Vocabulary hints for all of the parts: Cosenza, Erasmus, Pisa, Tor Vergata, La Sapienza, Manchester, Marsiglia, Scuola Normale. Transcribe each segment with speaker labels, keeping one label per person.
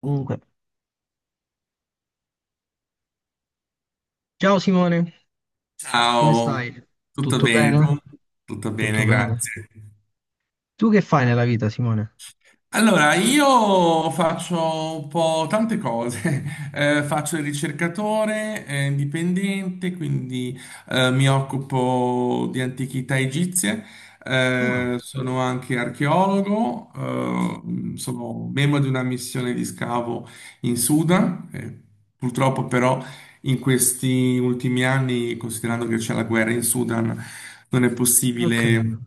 Speaker 1: Comunque, ciao Simone, come
Speaker 2: Ciao,
Speaker 1: stai?
Speaker 2: tutto
Speaker 1: Tutto
Speaker 2: bene
Speaker 1: bene?
Speaker 2: tu? Tutto
Speaker 1: Tutto
Speaker 2: bene,
Speaker 1: bene.
Speaker 2: grazie.
Speaker 1: Tu che fai nella vita, Simone?
Speaker 2: Allora, io faccio un po' tante cose. Faccio il ricercatore, indipendente, quindi mi occupo di antichità egizie.
Speaker 1: Ah.
Speaker 2: Sono anche archeologo, sono membro di una missione di scavo in Sudan. Purtroppo però, in questi ultimi anni, considerando che c'è la guerra in Sudan, non è
Speaker 1: Non ho capito.
Speaker 2: possibile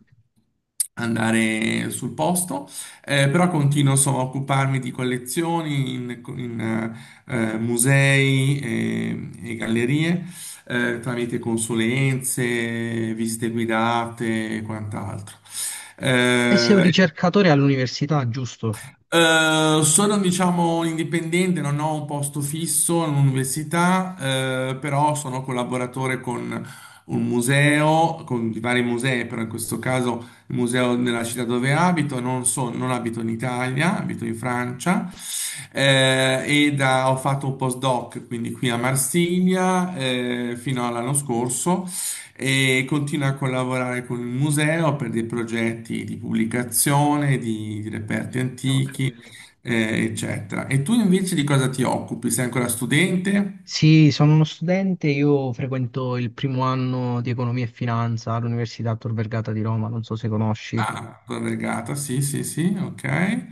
Speaker 2: andare sul posto. Però continuo, insomma, a occuparmi di collezioni in musei e gallerie, tramite consulenze, visite guidate e quant'altro. Sì.
Speaker 1: E sei un
Speaker 2: Eh,
Speaker 1: ricercatore all'università, giusto?
Speaker 2: eh, sono, diciamo, indipendente, non ho un posto fisso in un'università, però sono collaboratore con un museo, con vari musei, però in questo caso il museo nella città dove abito, non abito in Italia, abito in Francia. Ho fatto un postdoc, quindi qui a Marsiglia, fino all'anno scorso, e continua a collaborare con il museo per dei progetti di pubblicazione, di reperti
Speaker 1: No, ho
Speaker 2: antichi,
Speaker 1: capito.
Speaker 2: eccetera. E tu invece di cosa ti occupi? Sei ancora studente?
Speaker 1: Sì, sono uno studente, io frequento il primo anno di economia e finanza all'Università Tor Vergata di Roma, non so se conosci.
Speaker 2: Ah, ancora Vergata, sì, sì, sì, ok.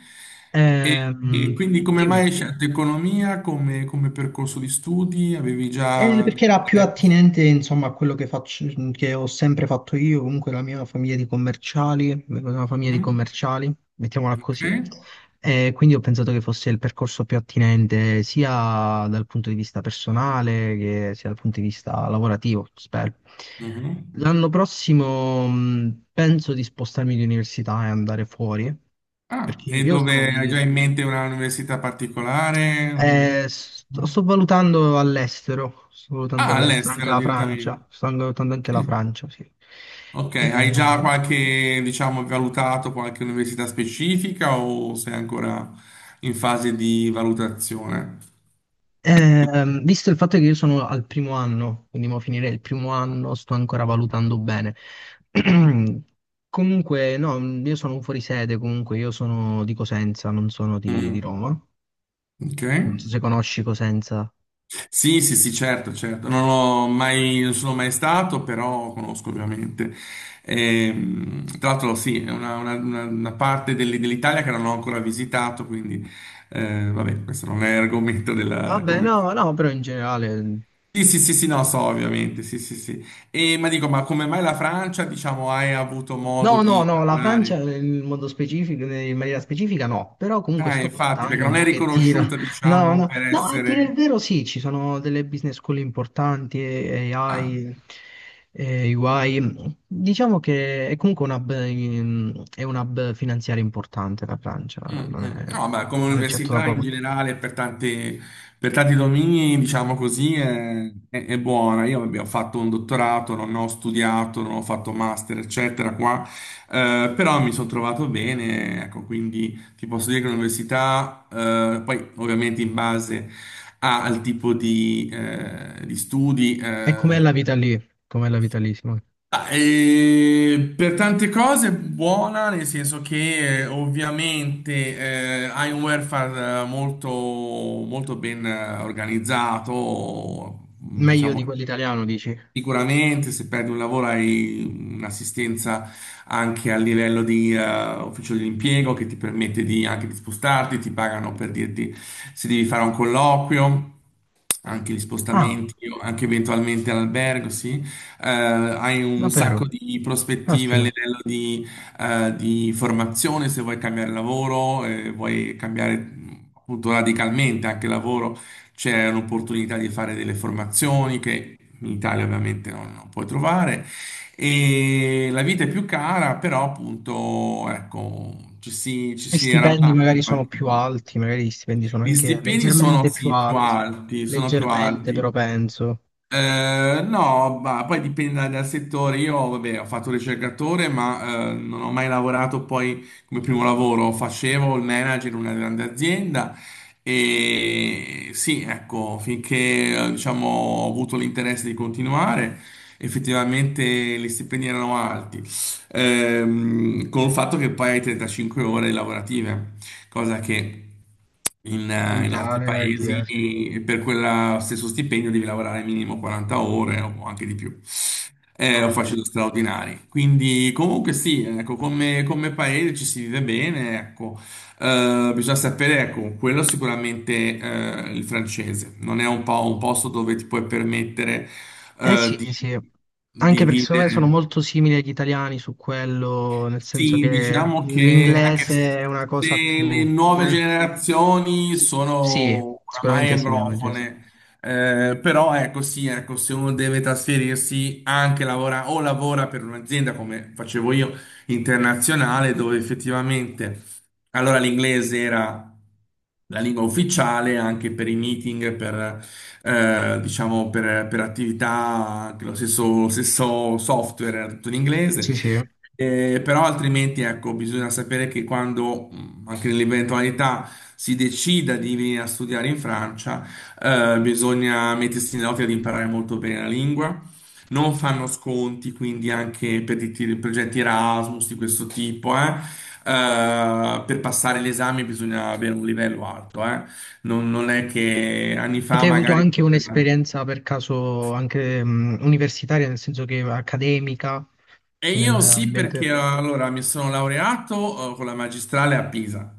Speaker 2: E, e
Speaker 1: Ehm,
Speaker 2: quindi come mai hai
Speaker 1: dimmi.
Speaker 2: scelto economia come, percorso di studi? Avevi già dei
Speaker 1: Perché era più
Speaker 2: interessi?
Speaker 1: attinente, insomma, a quello che faccio, che ho sempre fatto io, comunque la mia famiglia di commerciali, vengo da una famiglia di
Speaker 2: Mm.
Speaker 1: commerciali, mettiamola
Speaker 2: Ok.
Speaker 1: così. E quindi ho pensato che fosse il percorso più attinente sia dal punto di vista personale che sia dal punto di vista lavorativo, spero.
Speaker 2: Mhm.
Speaker 1: L'anno prossimo penso di spostarmi di università e andare fuori,
Speaker 2: Ah,
Speaker 1: perché
Speaker 2: e
Speaker 1: io sono
Speaker 2: dove? Hai
Speaker 1: di
Speaker 2: già in mente una università particolare?
Speaker 1: eh, sto,
Speaker 2: Mm.
Speaker 1: sto valutando all'estero, sto valutando
Speaker 2: Ah,
Speaker 1: all'estero, anche
Speaker 2: all'estero
Speaker 1: la
Speaker 2: direttamente.
Speaker 1: Francia, sto anche valutando anche la
Speaker 2: Sì.
Speaker 1: Francia, sì.
Speaker 2: Ok,
Speaker 1: Eh,
Speaker 2: hai già, qualche, diciamo, valutato qualche università specifica o sei ancora in fase di valutazione?
Speaker 1: Visto il fatto che io sono al primo anno, quindi mo finire il primo anno, sto ancora valutando bene. Comunque, no, io sono un fuorisede, comunque io sono di Cosenza, non sono di
Speaker 2: Mm.
Speaker 1: Roma.
Speaker 2: Ok.
Speaker 1: Non so se conosci Cosenza.
Speaker 2: Sì, sì, sì, certo, certo. Non ho mai, non sono mai stato, però conosco ovviamente. Tra l'altro, sì, è una parte dell'Italia che non ho ancora visitato, quindi, vabbè, questo non è argomento della
Speaker 1: Vabbè,
Speaker 2: conversazione.
Speaker 1: no, no, però in generale.
Speaker 2: Sì, sì, sì, sì, no, so, ovviamente, sì, sì, sì. E, ma dico, ma come mai la Francia, diciamo? Hai avuto modo
Speaker 1: No, no,
Speaker 2: di
Speaker 1: no, la Francia
Speaker 2: parlare?
Speaker 1: in modo specifico, in maniera specifica no, però comunque sto
Speaker 2: Infatti, perché
Speaker 1: puntando un
Speaker 2: non è
Speaker 1: pochettino.
Speaker 2: riconosciuta,
Speaker 1: No,
Speaker 2: diciamo,
Speaker 1: no,
Speaker 2: per
Speaker 1: no, a dire il
Speaker 2: essere...
Speaker 1: vero sì, ci sono delle business school importanti,
Speaker 2: Ah.
Speaker 1: AI, e UI. Diciamo che è comunque un hub, è un hub finanziario importante la Francia,
Speaker 2: Mm,
Speaker 1: non
Speaker 2: mm.
Speaker 1: è,
Speaker 2: No, beh, come
Speaker 1: non è certo da
Speaker 2: università in
Speaker 1: poco.
Speaker 2: generale per tanti, domini, diciamo così, è buona. Io, vabbè, ho fatto un dottorato, non ho studiato, non ho fatto master, eccetera, qua, però mi sono trovato bene, ecco, quindi ti posso dire che l'università, poi ovviamente in base al tipo di studi.
Speaker 1: E com'è
Speaker 2: Eh,
Speaker 1: la vita lì? Com'è la vita lì, Simone?
Speaker 2: Ah, per tante cose buona, nel senso che, ovviamente, hai un welfare, molto, molto ben, organizzato,
Speaker 1: Meglio
Speaker 2: diciamo.
Speaker 1: di quell'italiano, dici?
Speaker 2: Sicuramente, se perdi un lavoro hai un'assistenza anche a livello di, ufficio dell'impiego, che ti permette di, anche di spostarti, ti pagano per dirti se devi fare un colloquio, anche gli
Speaker 1: Ah,
Speaker 2: spostamenti, o anche eventualmente all'albergo, sì. Hai un
Speaker 1: davvero?
Speaker 2: sacco di prospettive a
Speaker 1: Caspita.
Speaker 2: livello di formazione. Se vuoi cambiare lavoro, vuoi cambiare, appunto radicalmente, anche lavoro, c'è un'opportunità di fare delle formazioni che in Italia, ovviamente, non puoi trovare, e la vita è più cara, però appunto, ecco, ci
Speaker 1: Gli
Speaker 2: si
Speaker 1: stipendi
Speaker 2: arrabatta
Speaker 1: magari
Speaker 2: in
Speaker 1: sono
Speaker 2: qualche
Speaker 1: più
Speaker 2: modo.
Speaker 1: alti, magari gli stipendi sono
Speaker 2: Gli
Speaker 1: anche
Speaker 2: stipendi sono,
Speaker 1: leggermente più
Speaker 2: sì, più
Speaker 1: alti,
Speaker 2: alti, sono più
Speaker 1: leggermente
Speaker 2: alti,
Speaker 1: però penso.
Speaker 2: no, ma poi dipende dal settore. Io, vabbè, ho fatto ricercatore, ma non ho mai lavorato poi come primo lavoro. Facevo il manager in una grande azienda e sì, ecco, finché, diciamo, ho avuto l'interesse di continuare, effettivamente gli stipendi erano alti. Con il fatto che poi hai 35 ore lavorative, cosa che
Speaker 1: In
Speaker 2: in altri
Speaker 1: Italia e
Speaker 2: paesi,
Speaker 1: TR.
Speaker 2: e per quello stesso stipendio devi lavorare minimo 40 ore o anche di più.
Speaker 1: Ho
Speaker 2: O
Speaker 1: capito.
Speaker 2: facendo straordinari. Quindi, comunque, sì, ecco, come, paese ci si vive bene, ecco. Bisogna sapere, ecco, quello sicuramente, il francese. Non è un po' un posto dove ti puoi permettere,
Speaker 1: Eh
Speaker 2: eh,
Speaker 1: sì,
Speaker 2: di,
Speaker 1: sì, anche
Speaker 2: di
Speaker 1: perché secondo me sono
Speaker 2: vivere.
Speaker 1: molto simili agli italiani su quello, nel senso
Speaker 2: Sì,
Speaker 1: che
Speaker 2: diciamo che, anche se
Speaker 1: l'inglese è una cosa
Speaker 2: le
Speaker 1: più...
Speaker 2: nuove
Speaker 1: eh,
Speaker 2: generazioni
Speaker 1: sì,
Speaker 2: sono oramai
Speaker 1: sicuramente sì, l'inglese.
Speaker 2: anglofone, però ecco, sì, ecco, se uno deve trasferirsi, anche lavora o lavora per un'azienda come facevo io, internazionale, dove effettivamente allora l'inglese era la lingua ufficiale anche per i meeting, diciamo per attività, anche lo stesso software era tutto in inglese.
Speaker 1: Sì, sì.
Speaker 2: Però altrimenti, ecco, bisogna sapere che quando, anche nell'eventualità si decida di venire a studiare in Francia, bisogna mettersi in nell'ottica di imparare molto bene la lingua. Non fanno sconti, quindi anche per i progetti Erasmus di questo tipo. Per passare l'esame bisogna avere un livello alto. Non è che anni
Speaker 1: E te
Speaker 2: fa
Speaker 1: hai avuto
Speaker 2: magari...
Speaker 1: anche un'esperienza per caso anche universitaria, nel senso che accademica,
Speaker 2: E io sì, perché,
Speaker 1: nell'ambiente...
Speaker 2: allora mi sono laureato, con la magistrale a Pisa.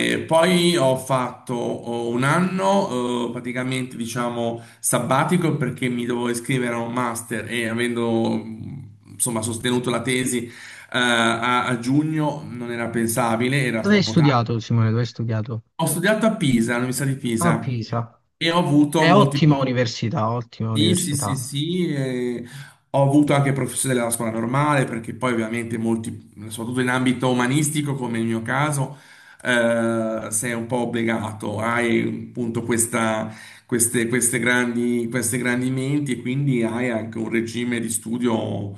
Speaker 1: Ok.
Speaker 2: poi ho fatto, un anno, praticamente, diciamo, sabbatico, perché mi dovevo iscrivere a un master, e avendo, insomma, sostenuto la tesi, a giugno, non era pensabile, era
Speaker 1: Dove hai
Speaker 2: troppo tardi.
Speaker 1: studiato, Simone? Dove hai studiato?
Speaker 2: Ho studiato a Pisa, all'Università di
Speaker 1: A
Speaker 2: Pisa,
Speaker 1: Pisa.
Speaker 2: e ho avuto
Speaker 1: È
Speaker 2: molti.
Speaker 1: ottima università, ottima
Speaker 2: Sì, sì, sì,
Speaker 1: università.
Speaker 2: sì. Ho avuto anche professori della Scuola Normale, perché poi ovviamente molti, soprattutto in ambito umanistico come il mio caso, sei un po' obbligato, hai appunto queste grandi menti, e quindi hai anche un regime di studio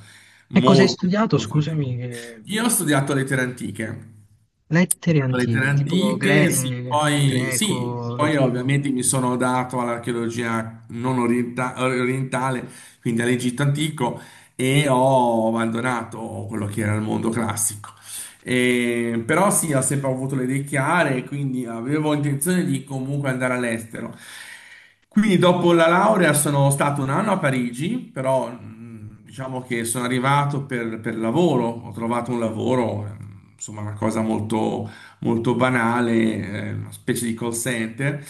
Speaker 1: E cosa hai
Speaker 2: molto,
Speaker 1: studiato?
Speaker 2: molto faticoso. Io ho studiato lettere antiche.
Speaker 1: Lettere
Speaker 2: Lettere
Speaker 1: antiche,
Speaker 2: antiche, sì. Poi, sì,
Speaker 1: greco,
Speaker 2: poi
Speaker 1: latino.
Speaker 2: ovviamente mi sono dato all'archeologia non orientale, quindi all'Egitto antico, e ho abbandonato quello che era il mondo classico. Però sì, ho sempre avuto le idee chiare, quindi avevo intenzione di, comunque, andare all'estero. Quindi dopo la laurea sono stato un anno a Parigi, però, diciamo che sono arrivato per, lavoro, ho trovato un lavoro, insomma una cosa molto, molto banale, una specie di call center,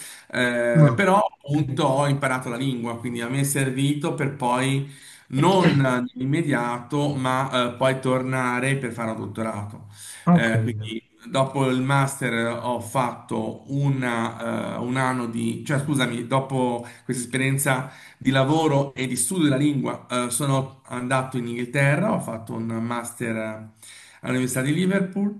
Speaker 1: No, ho
Speaker 2: però appunto
Speaker 1: capito.
Speaker 2: ho imparato la lingua, quindi a me è servito per poi, non nell'immediato, ma, poi tornare per fare un dottorato.
Speaker 1: Ho capito.
Speaker 2: Quindi dopo il master, ho fatto un anno di, cioè, scusami, dopo questa esperienza di lavoro e di studio della lingua. Sono andato in Inghilterra, ho fatto un master, all'Università di Liverpool,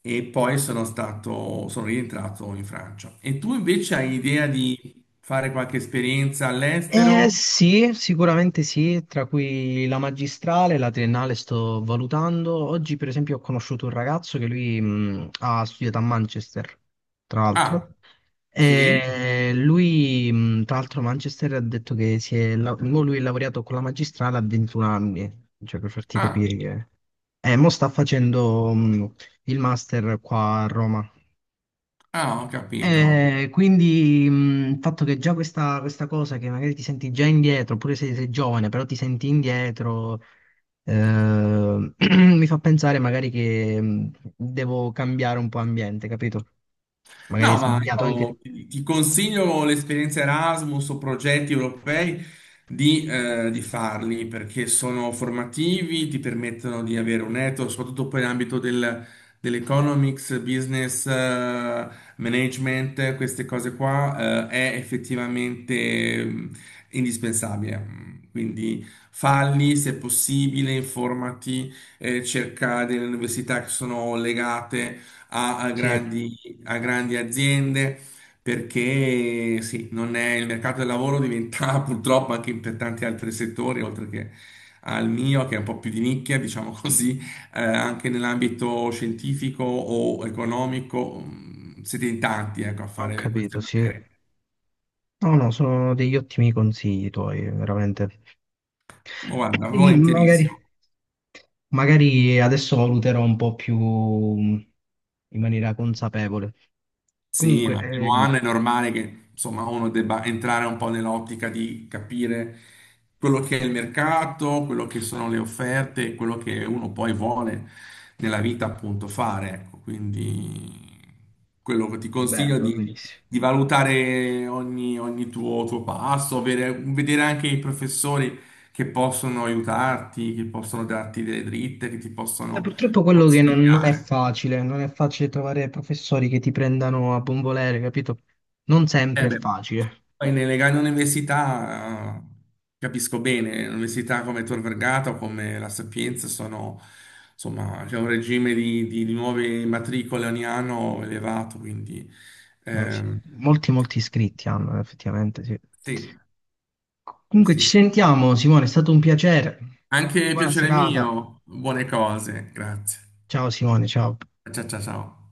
Speaker 2: e poi sono stato, sono rientrato in Francia. E tu invece hai idea di fare qualche esperienza all'estero?
Speaker 1: Sì, sicuramente sì, tra cui la magistrale, la triennale sto valutando. Oggi, per esempio, ho conosciuto un ragazzo che lui ha studiato a Manchester, tra
Speaker 2: Ah,
Speaker 1: l'altro.
Speaker 2: sì?
Speaker 1: E lui, tra l'altro, a Manchester ha detto che mo lui è laureato con la magistrale a 21 anni, cioè per farti
Speaker 2: Ah,
Speaker 1: capire che... E mo sta facendo il master qua a Roma.
Speaker 2: ah, ho capito.
Speaker 1: Quindi il fatto che già questa cosa che magari ti senti già indietro, oppure se sei giovane, però ti senti indietro, eh, mi fa pensare magari che devo cambiare un po' ambiente, capito? Magari è
Speaker 2: No, ma
Speaker 1: sbagliato anche.
Speaker 2: io ti consiglio l'esperienza Erasmus o progetti europei di farli, perché sono formativi, ti permettono di avere un network, soprattutto poi nell'ambito dell'economics, business, management, queste cose qua, è effettivamente, indispensabile. Quindi falli se possibile, informati, cerca delle università che sono legate a
Speaker 1: Sì,
Speaker 2: grandi, aziende, perché sì, non è- il mercato del lavoro diventa purtroppo, anche per tanti altri settori, oltre che al mio, che è un po' più di nicchia, diciamo così, anche nell'ambito scientifico o economico, siete in tanti, ecco, a
Speaker 1: ho
Speaker 2: fare queste
Speaker 1: capito, sì.
Speaker 2: materie.
Speaker 1: No, no, sono degli ottimi consigli tuoi, veramente.
Speaker 2: Oh, guarda,
Speaker 1: Magari,
Speaker 2: volentierissimo.
Speaker 1: magari adesso valuterò un po' più in maniera consapevole.
Speaker 2: Sì,
Speaker 1: Comunque,
Speaker 2: ma il primo
Speaker 1: eh,
Speaker 2: anno è normale che, insomma, uno debba entrare un po' nell'ottica di capire quello che è il mercato, quello che sono le offerte, quello che uno poi vuole nella vita, appunto, fare. Ecco, quindi quello che ti
Speaker 1: Vabbè,
Speaker 2: consiglio
Speaker 1: va
Speaker 2: di,
Speaker 1: benissimo.
Speaker 2: valutare ogni, tuo passo, vedere anche i professori che possono aiutarti, che possono darti delle dritte, che ti possono
Speaker 1: Purtroppo quello che non è
Speaker 2: consigliare.
Speaker 1: facile, non è facile trovare professori che ti prendano a buon volere, capito? Non sempre
Speaker 2: Eh
Speaker 1: è
Speaker 2: beh,
Speaker 1: facile.
Speaker 2: poi nelle grandi università, capisco bene, università come Tor Vergata o come La Sapienza sono, insomma, c'è un regime di, di nuove matricole ogni anno elevato, quindi
Speaker 1: Sì.
Speaker 2: ehm,
Speaker 1: Molti, molti iscritti hanno, effettivamente, sì.
Speaker 2: sì,
Speaker 1: Comunque ci
Speaker 2: sì.
Speaker 1: sentiamo, Simone, è stato un piacere.
Speaker 2: Anche
Speaker 1: Buona
Speaker 2: piacere
Speaker 1: serata.
Speaker 2: mio, buone cose, grazie.
Speaker 1: Ciao Simone, ciao.
Speaker 2: Ciao ciao ciao.